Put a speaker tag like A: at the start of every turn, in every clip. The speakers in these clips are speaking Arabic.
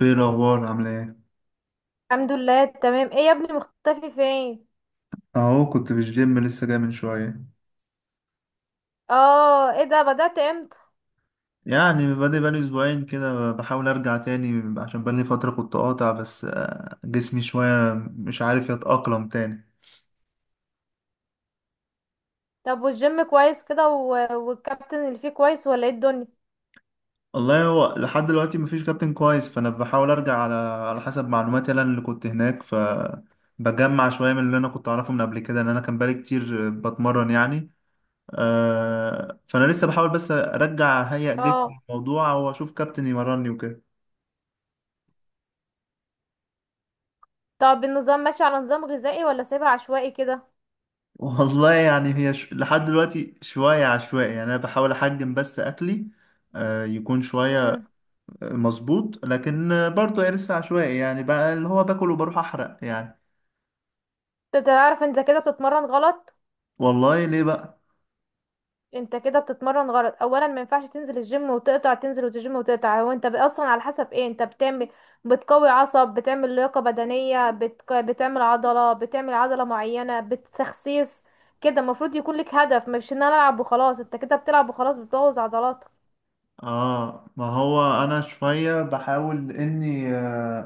A: ايه الاخبار، عامله ايه؟
B: الحمد لله، تمام. ايه يا ابني، مختفي فين؟
A: اهو كنت في الجيم، لسه جاي من شويه.
B: اه، ايه ده، بدأت امتى؟
A: يعني بادئ بقالي اسبوعين كده، بحاول ارجع تاني عشان بقالي فتره كنت قاطع. بس جسمي شويه مش عارف يتاقلم تاني.
B: طب، والجيم كويس كده و... والكابتن اللي فيه كويس ولا ايه الدنيا؟
A: والله هو لحد دلوقتي مفيش كابتن كويس، فانا بحاول ارجع على حسب معلوماتي انا اللي كنت هناك، ف بجمع شويه من اللي انا كنت اعرفه من قبل كده، ان انا كان بقالي كتير بتمرن يعني. فانا لسه بحاول بس ارجع اهيئ
B: اه.
A: جسمي الموضوع، واشوف كابتن يمرني وكده.
B: طب النظام ماشي على نظام غذائي ولا سايبها عشوائي كده؟
A: والله يعني هي لحد دلوقتي شوية عشوائي، يعني أنا بحاول أحجم بس أكلي، يكون شوية
B: امم.
A: مظبوط، لكن برضه هي لسه عشوائي، يعني بقى اللي هو باكل وبروح أحرق يعني.
B: انت تعرف، انت كده بتتمرن غلط.
A: والله ليه بقى؟
B: انت كده بتتمرن غلط، اولا ما ينفعش تنزل الجيم وتقطع، تنزل وتجيم وتقطع. هو انت اصلا على حسب ايه انت بتعمل؟ بتقوي عصب، بتعمل لياقة بدنية، بتعمل عضلة معينة، بتخسيس. كده المفروض يكون لك هدف، مش ان انا العب وخلاص. انت كده بتلعب وخلاص بتبوظ عضلاتك.
A: آه، ما هو أنا شوية بحاول إني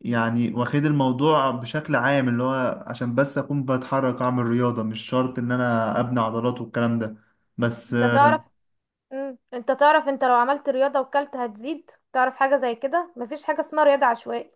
A: يعني واخد الموضوع بشكل عام، اللي هو عشان بس أكون بتحرك أعمل رياضة، مش شرط إن أنا أبني عضلات والكلام ده بس.
B: انت تعرف. انت تعرف، انت لو عملت رياضة وكلت هتزيد. تعرف حاجة زي كده؟ مفيش حاجة اسمها رياضة عشوائية.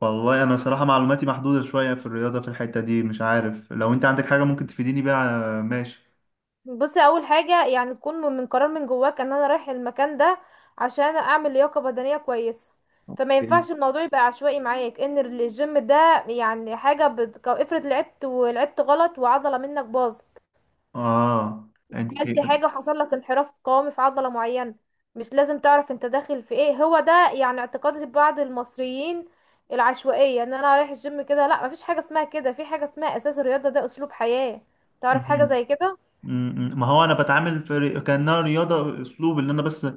A: والله انا صراحة معلوماتي محدودة شوية في الرياضة في الحتة دي، مش عارف لو انت عندك حاجة ممكن تفيديني بيها، ماشي.
B: بصي، اول حاجه يعني تكون من قرار من جواك ان انا رايح المكان ده عشان اعمل لياقه بدنيه كويسه. فما
A: إيه؟
B: ينفعش الموضوع يبقى عشوائي معاك. ان الجيم ده يعني افرض لعبت ولعبت غلط وعضله منك باظت.
A: اه. انت.
B: عملت حاجه وحصل لك انحراف قوامي في عضله معينه. مش لازم تعرف انت داخل في ايه. هو ده يعني اعتقاد بعض المصريين، العشوائيه، ان انا رايح الجيم كده. لا، مفيش حاجه اسمها كده. في حاجه اسمها اساس الرياضه، ده اسلوب حياه. تعرف حاجه
A: مم.
B: زي كده؟
A: مم. ما هو انا بتعامل في كانها رياضه اسلوب، ان انا بس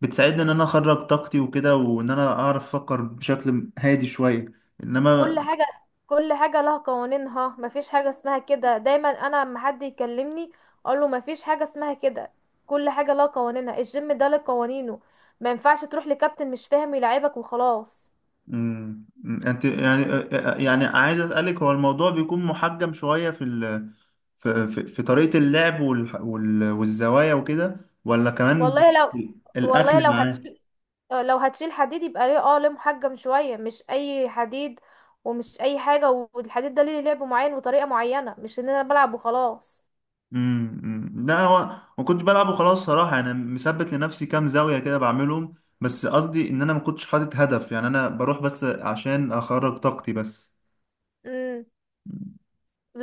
A: بتساعدني ان انا اخرج طاقتي وكده، وان انا اعرف افكر بشكل هادي شويه. انما
B: كل حاجة، كل حاجة لها قوانينها. مفيش حاجة اسمها كده. دايما انا لما حد يكلمني اقول له مفيش حاجة اسمها كده. كل حاجة لها قوانينها. الجيم ده له قوانينه. ما ينفعش تروح لكابتن مش فاهم يلعبك وخلاص.
A: امم انت يعني. يعني عايز اسالك، هو الموضوع بيكون محجم شويه في في طريقه اللعب والزوايا وكده، ولا كمان
B: والله لو والله
A: الاكل
B: لو
A: معاه؟
B: هتشيل لو هتشيل حديد يبقى ليه. اه، ليه محجم شوية، مش اي حديد ومش اي حاجة. والحديد ده ليه لعب معين وطريقة معينة، مش ان انا بلعب وخلاص.
A: أمم. لا، هو ما كنت بلعب وخلاص صراحه، انا مثبت لنفسي كام زاويه كده بعملهم، بس قصدي ان انا ما كنتش حاطط هدف. يعني انا بروح بس عشان اخرج طاقتي بس.
B: إمم.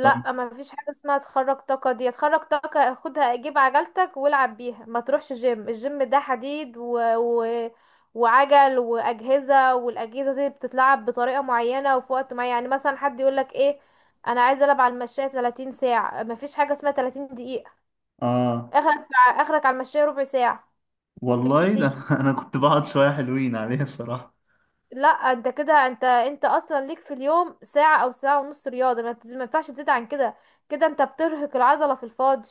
A: طيب.
B: ما فيش حاجة اسمها تخرج طاقة. دي تخرج طاقة، خدها جيب عجلتك والعب بيها. ما تروحش جيم. الجيم ده حديد وعجل وأجهزة. والأجهزة دي بتتلعب بطريقة معينة وفي وقت معين. يعني مثلا حد يقولك ايه، انا عايز العب على المشاية 30 ساعة. ما فيش حاجة اسمها 30 دقيقة.
A: اه.
B: اخرك، اخرك على المشاية ربع ساعة.
A: والله ده
B: بالكتير.
A: انا كنت بقعد شويه حلوين عليها الصراحه.
B: لا، انت كده، انت اصلا ليك في اليوم ساعة او ساعة ونص رياضة. ما ينفعش تزيد عن كده. كده انت بترهق العضلة في الفاضي.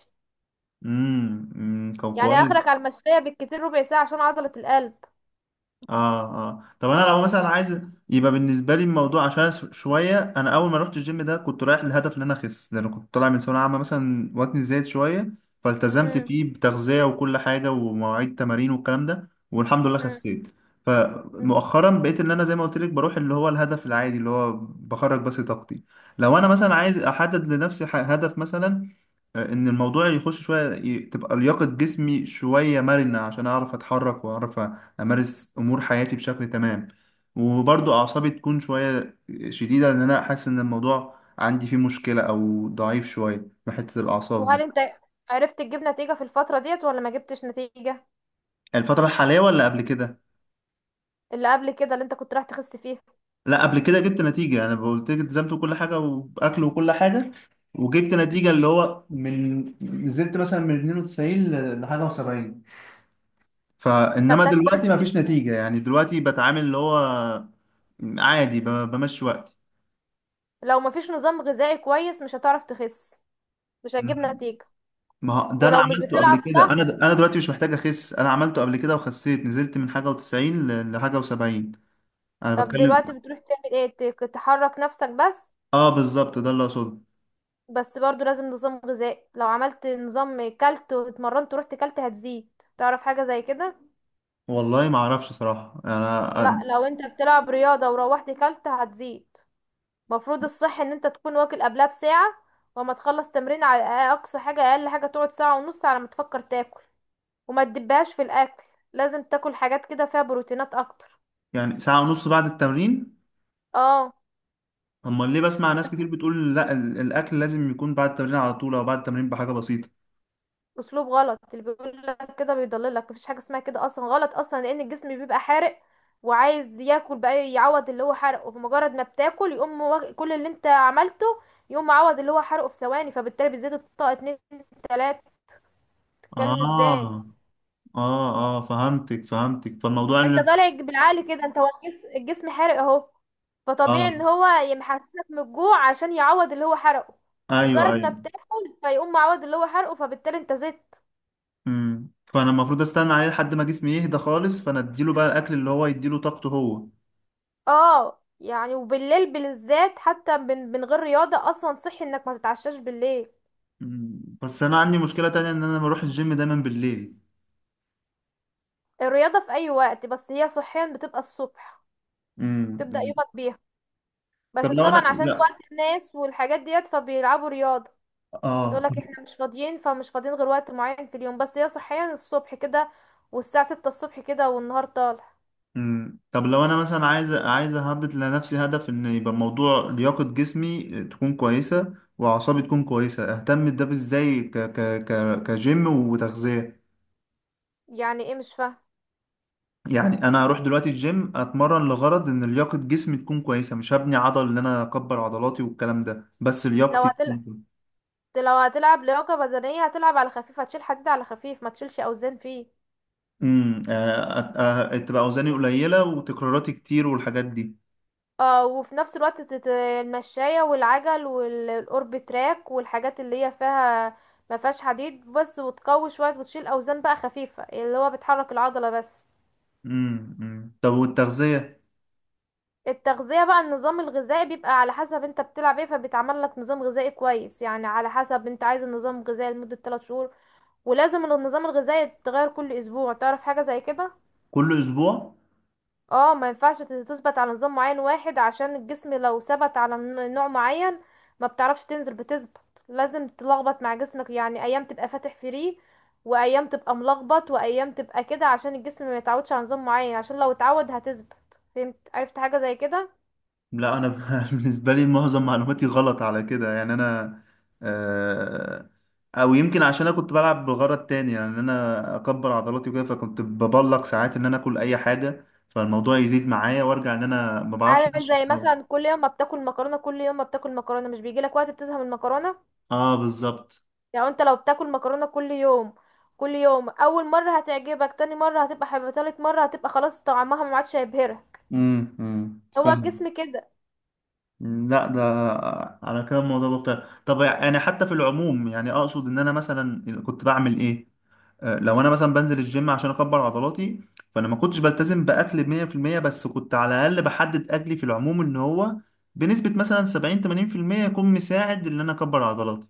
A: امم، أمم. طب
B: يعني
A: كويس.
B: اخرك على المشوية بالكتير ربع ساعة عشان عضلة القلب.
A: اه. اه. طب انا لو مثلا عايز، يبقى بالنسبه لي الموضوع عشان شويه انا اول ما رحت الجيم ده كنت رايح للهدف ان انا اخس، لان كنت طالع من ثانويه عامه مثلا وزني زايد شويه، فالتزمت
B: امم
A: فيه بتغذيه وكل حاجه ومواعيد تمارين والكلام ده، والحمد لله
B: امم
A: خسيت. فمؤخرا بقيت ان انا زي ما قلت لك بروح اللي هو الهدف العادي، اللي هو بخرج بس طاقتي. لو انا مثلا عايز احدد لنفسي هدف مثلا، ان الموضوع يخش شويه، تبقى لياقه جسمي شويه مرنه عشان اعرف اتحرك واعرف امارس امور حياتي بشكل تمام، وبرضو اعصابي تكون شويه شديده، لان انا حاسس ان الموضوع عندي فيه مشكله او ضعيف شويه من حته الاعصاب
B: وهل
A: دي.
B: انت عرفت تجيب نتيجة في الفترة ديت ولا ما جبتش نتيجة؟
A: الفتره الحاليه ولا قبل كده؟
B: اللي قبل كده، اللي انت كنت رايح تخس فيها.
A: لا، قبل كده جبت نتيجه، انا قلت لك التزمت بكل حاجه واكل وكل حاجه، وجبت نتيجه، اللي هو من نزلت مثلا من 92 لحاجه و70.
B: ده
A: فانما
B: ده كويس
A: دلوقتي ما فيش
B: جدا.
A: نتيجه، يعني دلوقتي بتعامل اللي هو عادي، بمشي
B: لو مفيش نظام غذائي كويس مش هتعرف تخس، مش هتجيب
A: وقتي.
B: نتيجة.
A: ما هو ده انا
B: ولو مش
A: عملته قبل
B: بتلعب
A: كده، انا
B: صح.
A: انا دلوقتي مش محتاج اخس، انا عملته قبل كده وخسيت، نزلت من حاجه و90 لحاجه و70. انا
B: طب
A: بتكلم.
B: دلوقتي بتروح تعمل ايه، تحرك نفسك بس؟
A: اه بالظبط، ده اللي اقصده.
B: بس برضو لازم نظام غذائي. لو عملت نظام كلت واتمرنت ورحت كلت هتزيد. تعرف حاجة زي كده؟
A: والله ما اعرفش صراحه
B: لا،
A: انا.
B: لو انت بتلعب رياضة وروحت كلت هتزيد. مفروض الصح ان انت تكون واكل قبلها بساعة، وما تخلص تمرين على اقصى حاجة. اقل حاجة تقعد ساعة ونص على ما تفكر تاكل. وما تدبهاش في الاكل. لازم تاكل حاجات كده فيها بروتينات اكتر.
A: يعني ساعه ونص بعد التمرين؟
B: اه.
A: امال ليه بسمع ناس كتير بتقول لا، الاكل لازم يكون بعد التمرين على طول، او بعد التمرين بحاجه بسيطه؟
B: اسلوب غلط اللي بيقول لك كده، بيضللك. مفيش حاجة اسمها كده، اصلا غلط اصلا، لان الجسم بيبقى حارق وعايز ياكل بقى يعوض اللي هو حرقه. وفي مجرد ما بتاكل يقوم كل اللي انت عملته يقوم معوض اللي هو حرقه في ثواني، فبالتالي بيزيد الطاقة. اتنين، تلاتة، تتكلم ازاي.
A: اه. اه. اه. فهمتك، فهمتك، فالموضوع اللي...
B: انت طالع بالعقل كده. انت هو الجسم حرق اهو. فطبيعي
A: اه.
B: ان هو يحسسك من الجوع عشان يعوض اللي هو حرقه.
A: ايوه. ايوه.
B: مجرد ما بتاكل فيقوم معوض اللي هو حرقه، فبالتالي انت زدت.
A: فانا المفروض استنى عليه لحد ما جسمي يهدى خالص، فانا اديله بقى الاكل اللي هو يديله طاقته هو.
B: اه. يعني وبالليل بالذات، حتى من غير رياضة، اصلا صحي انك ما تتعشاش بالليل.
A: مم. بس انا عندي مشكلة تانية، ان انا بروح الجيم دايما بالليل.
B: الرياضة في اي وقت، بس هي صحيا بتبقى الصبح،
A: مم.
B: تبدأ
A: مم.
B: يومك بيها.
A: طب
B: بس
A: لو انا،
B: طبعا عشان
A: لا،
B: وقت الناس والحاجات ديت فبيلعبوا رياضة. يقول
A: اه.
B: لك احنا مش فاضيين، فمش فاضيين غير وقت معين في اليوم. بس هي صحيا الصبح كده، والساعة ستة الصبح كده والنهار طالع.
A: مم. طب لو انا مثلا عايز احدد لنفسي هدف، ان يبقى موضوع لياقة جسمي تكون كويسة واعصابي تكون كويسة، اهتم ده ازاي كجيم وتغذية؟
B: يعني ايه، مش فاهم.
A: يعني انا هروح دلوقتي الجيم اتمرن لغرض ان لياقة جسمي تكون كويسة، مش هبني عضل ان انا اكبر عضلاتي والكلام ده، بس
B: لو
A: لياقتي
B: هتلعب
A: تكون.
B: لو هتلعب لياقة بدنية هتلعب على خفيف، هتشيل حديد على خفيف، ما تشيلش اوزان فيه.
A: يعني تبقى اوزاني قليله وتكراراتي كتير والحاجات دي.
B: اه. وفي نفس الوقت المشاية والعجل والاورب تراك والحاجات اللي هي فيها ما فيهاش حديد بس. وتقوي شوية وتشيل اوزان بقى خفيفة اللي هو بتحرك العضلة بس.
A: امم، أمم. طب والتغذيه؟
B: التغذية بقى، النظام الغذائي بيبقى على حسب انت بتلعب ايه. فبيتعمل لك نظام غذائي كويس، يعني على حسب انت عايز النظام غذائي لمدة 3 شهور. ولازم النظام الغذائي يتغير كل اسبوع. تعرف حاجة زي كده؟
A: كل اسبوع؟
B: اه. ما ينفعش تثبت على نظام معين واحد، عشان الجسم لو ثبت على نوع معين ما بتعرفش تنزل، بتثبت. لازم تلخبط مع جسمك، يعني ايام تبقى فاتح فري وايام تبقى ملخبط وايام تبقى كده، عشان الجسم ما يتعودش على نظام معين، عشان لو اتعود هتثبت. فهمت؟ عرفت حاجة زي كده؟
A: لا، انا بالنسبه لي معظم معلوماتي غلط على كده، يعني انا، آه، او يمكن عشان انا كنت بلعب بغرض تاني، يعني ان انا اكبر عضلاتي وكده، فكنت ببلق ساعات ان انا اكل اي حاجه، فالموضوع يزيد معايا، وارجع ان انا ما بعرفش
B: عامل
A: انشف
B: زي
A: قوي.
B: مثلا كل يوم ما بتاكل مكرونه، كل يوم ما بتاكل مكرونه، مش بيجي لك وقت بتزهق من المكرونه؟
A: اه بالظبط.
B: يعني انت لو بتاكل مكرونه كل يوم، كل يوم، اول مره هتعجبك، تاني مره هتبقى حلوه، تالت مره هتبقى خلاص طعمها ما عادش هيبهرك.
A: امم، أمم.
B: هو
A: فاهم.
B: الجسم كده.
A: لا، ده على كده الموضوع مختلف. طب يعني حتى في العموم، يعني اقصد ان انا مثلا كنت بعمل ايه؟ لو انا مثلا بنزل الجيم عشان اكبر عضلاتي، فانا ما كنتش بلتزم باكل 100%، بس كنت على الاقل بحدد اكلي في العموم ان هو بنسبة مثلا 70 80% يكون مساعد ان انا اكبر عضلاتي.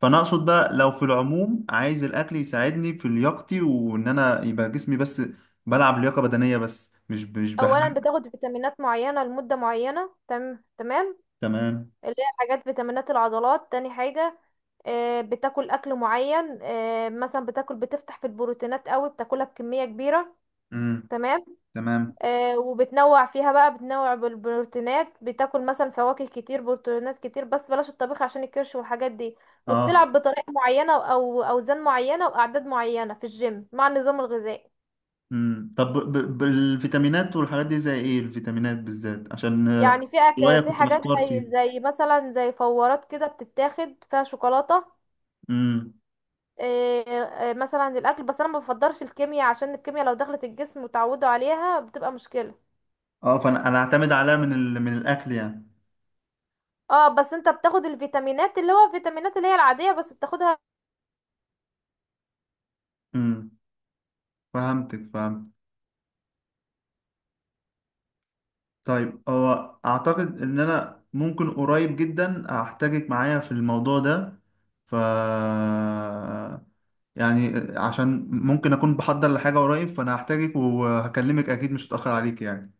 A: فانا اقصد بقى لو في العموم عايز الاكل يساعدني في لياقتي، وان انا يبقى جسمي بس بلعب لياقة بدنية بس، مش
B: اولا
A: بحمل.
B: بتاخد فيتامينات معينه لمده معينه، تمام تمام؟
A: تمام.
B: اللي هي حاجات فيتامينات العضلات. تاني حاجه، بتاكل اكل معين. مثلا بتاكل، بتفتح في البروتينات قوي، بتاكلها بكميه كبيره.
A: امم.
B: تمام.
A: تمام.
B: وبتنوع فيها بقى، بتنوع بالبروتينات. بتاكل مثلا فواكه كتير، بروتينات كتير، بس بلاش الطبيخ عشان الكرش والحاجات دي.
A: اه.
B: وبتلعب بطريقة معينة او اوزان معينة واعداد معينة في الجيم مع النظام الغذائي.
A: مم. طب بالفيتامينات والحاجات دي، زي ايه الفيتامينات بالذات عشان
B: يعني في
A: شوية
B: في
A: كنت
B: حاجات
A: محتار
B: زي
A: فيه.
B: زي مثلا زي فورات كده بتتاخد فيها شوكولاتة.
A: امم.
B: آه، مثلا الاكل. بس انا ما بفضلش الكيمياء عشان الكيمياء لو دخلت الجسم وتعودوا عليها بتبقى مشكلة.
A: اه، فانا انا اعتمد عليها من من الاكل يعني.
B: اه. بس انت بتاخد الفيتامينات اللي هو الفيتامينات اللي هي العادية بس بتاخدها.
A: امم. فهمتك. فهمت. طيب هو اعتقد ان انا ممكن قريب جدا احتاجك معايا في الموضوع ده، ف يعني عشان ممكن اكون بحضر لحاجة قريب، فانا هحتاجك وهكلمك اكيد، مش هتأخر عليك يعني.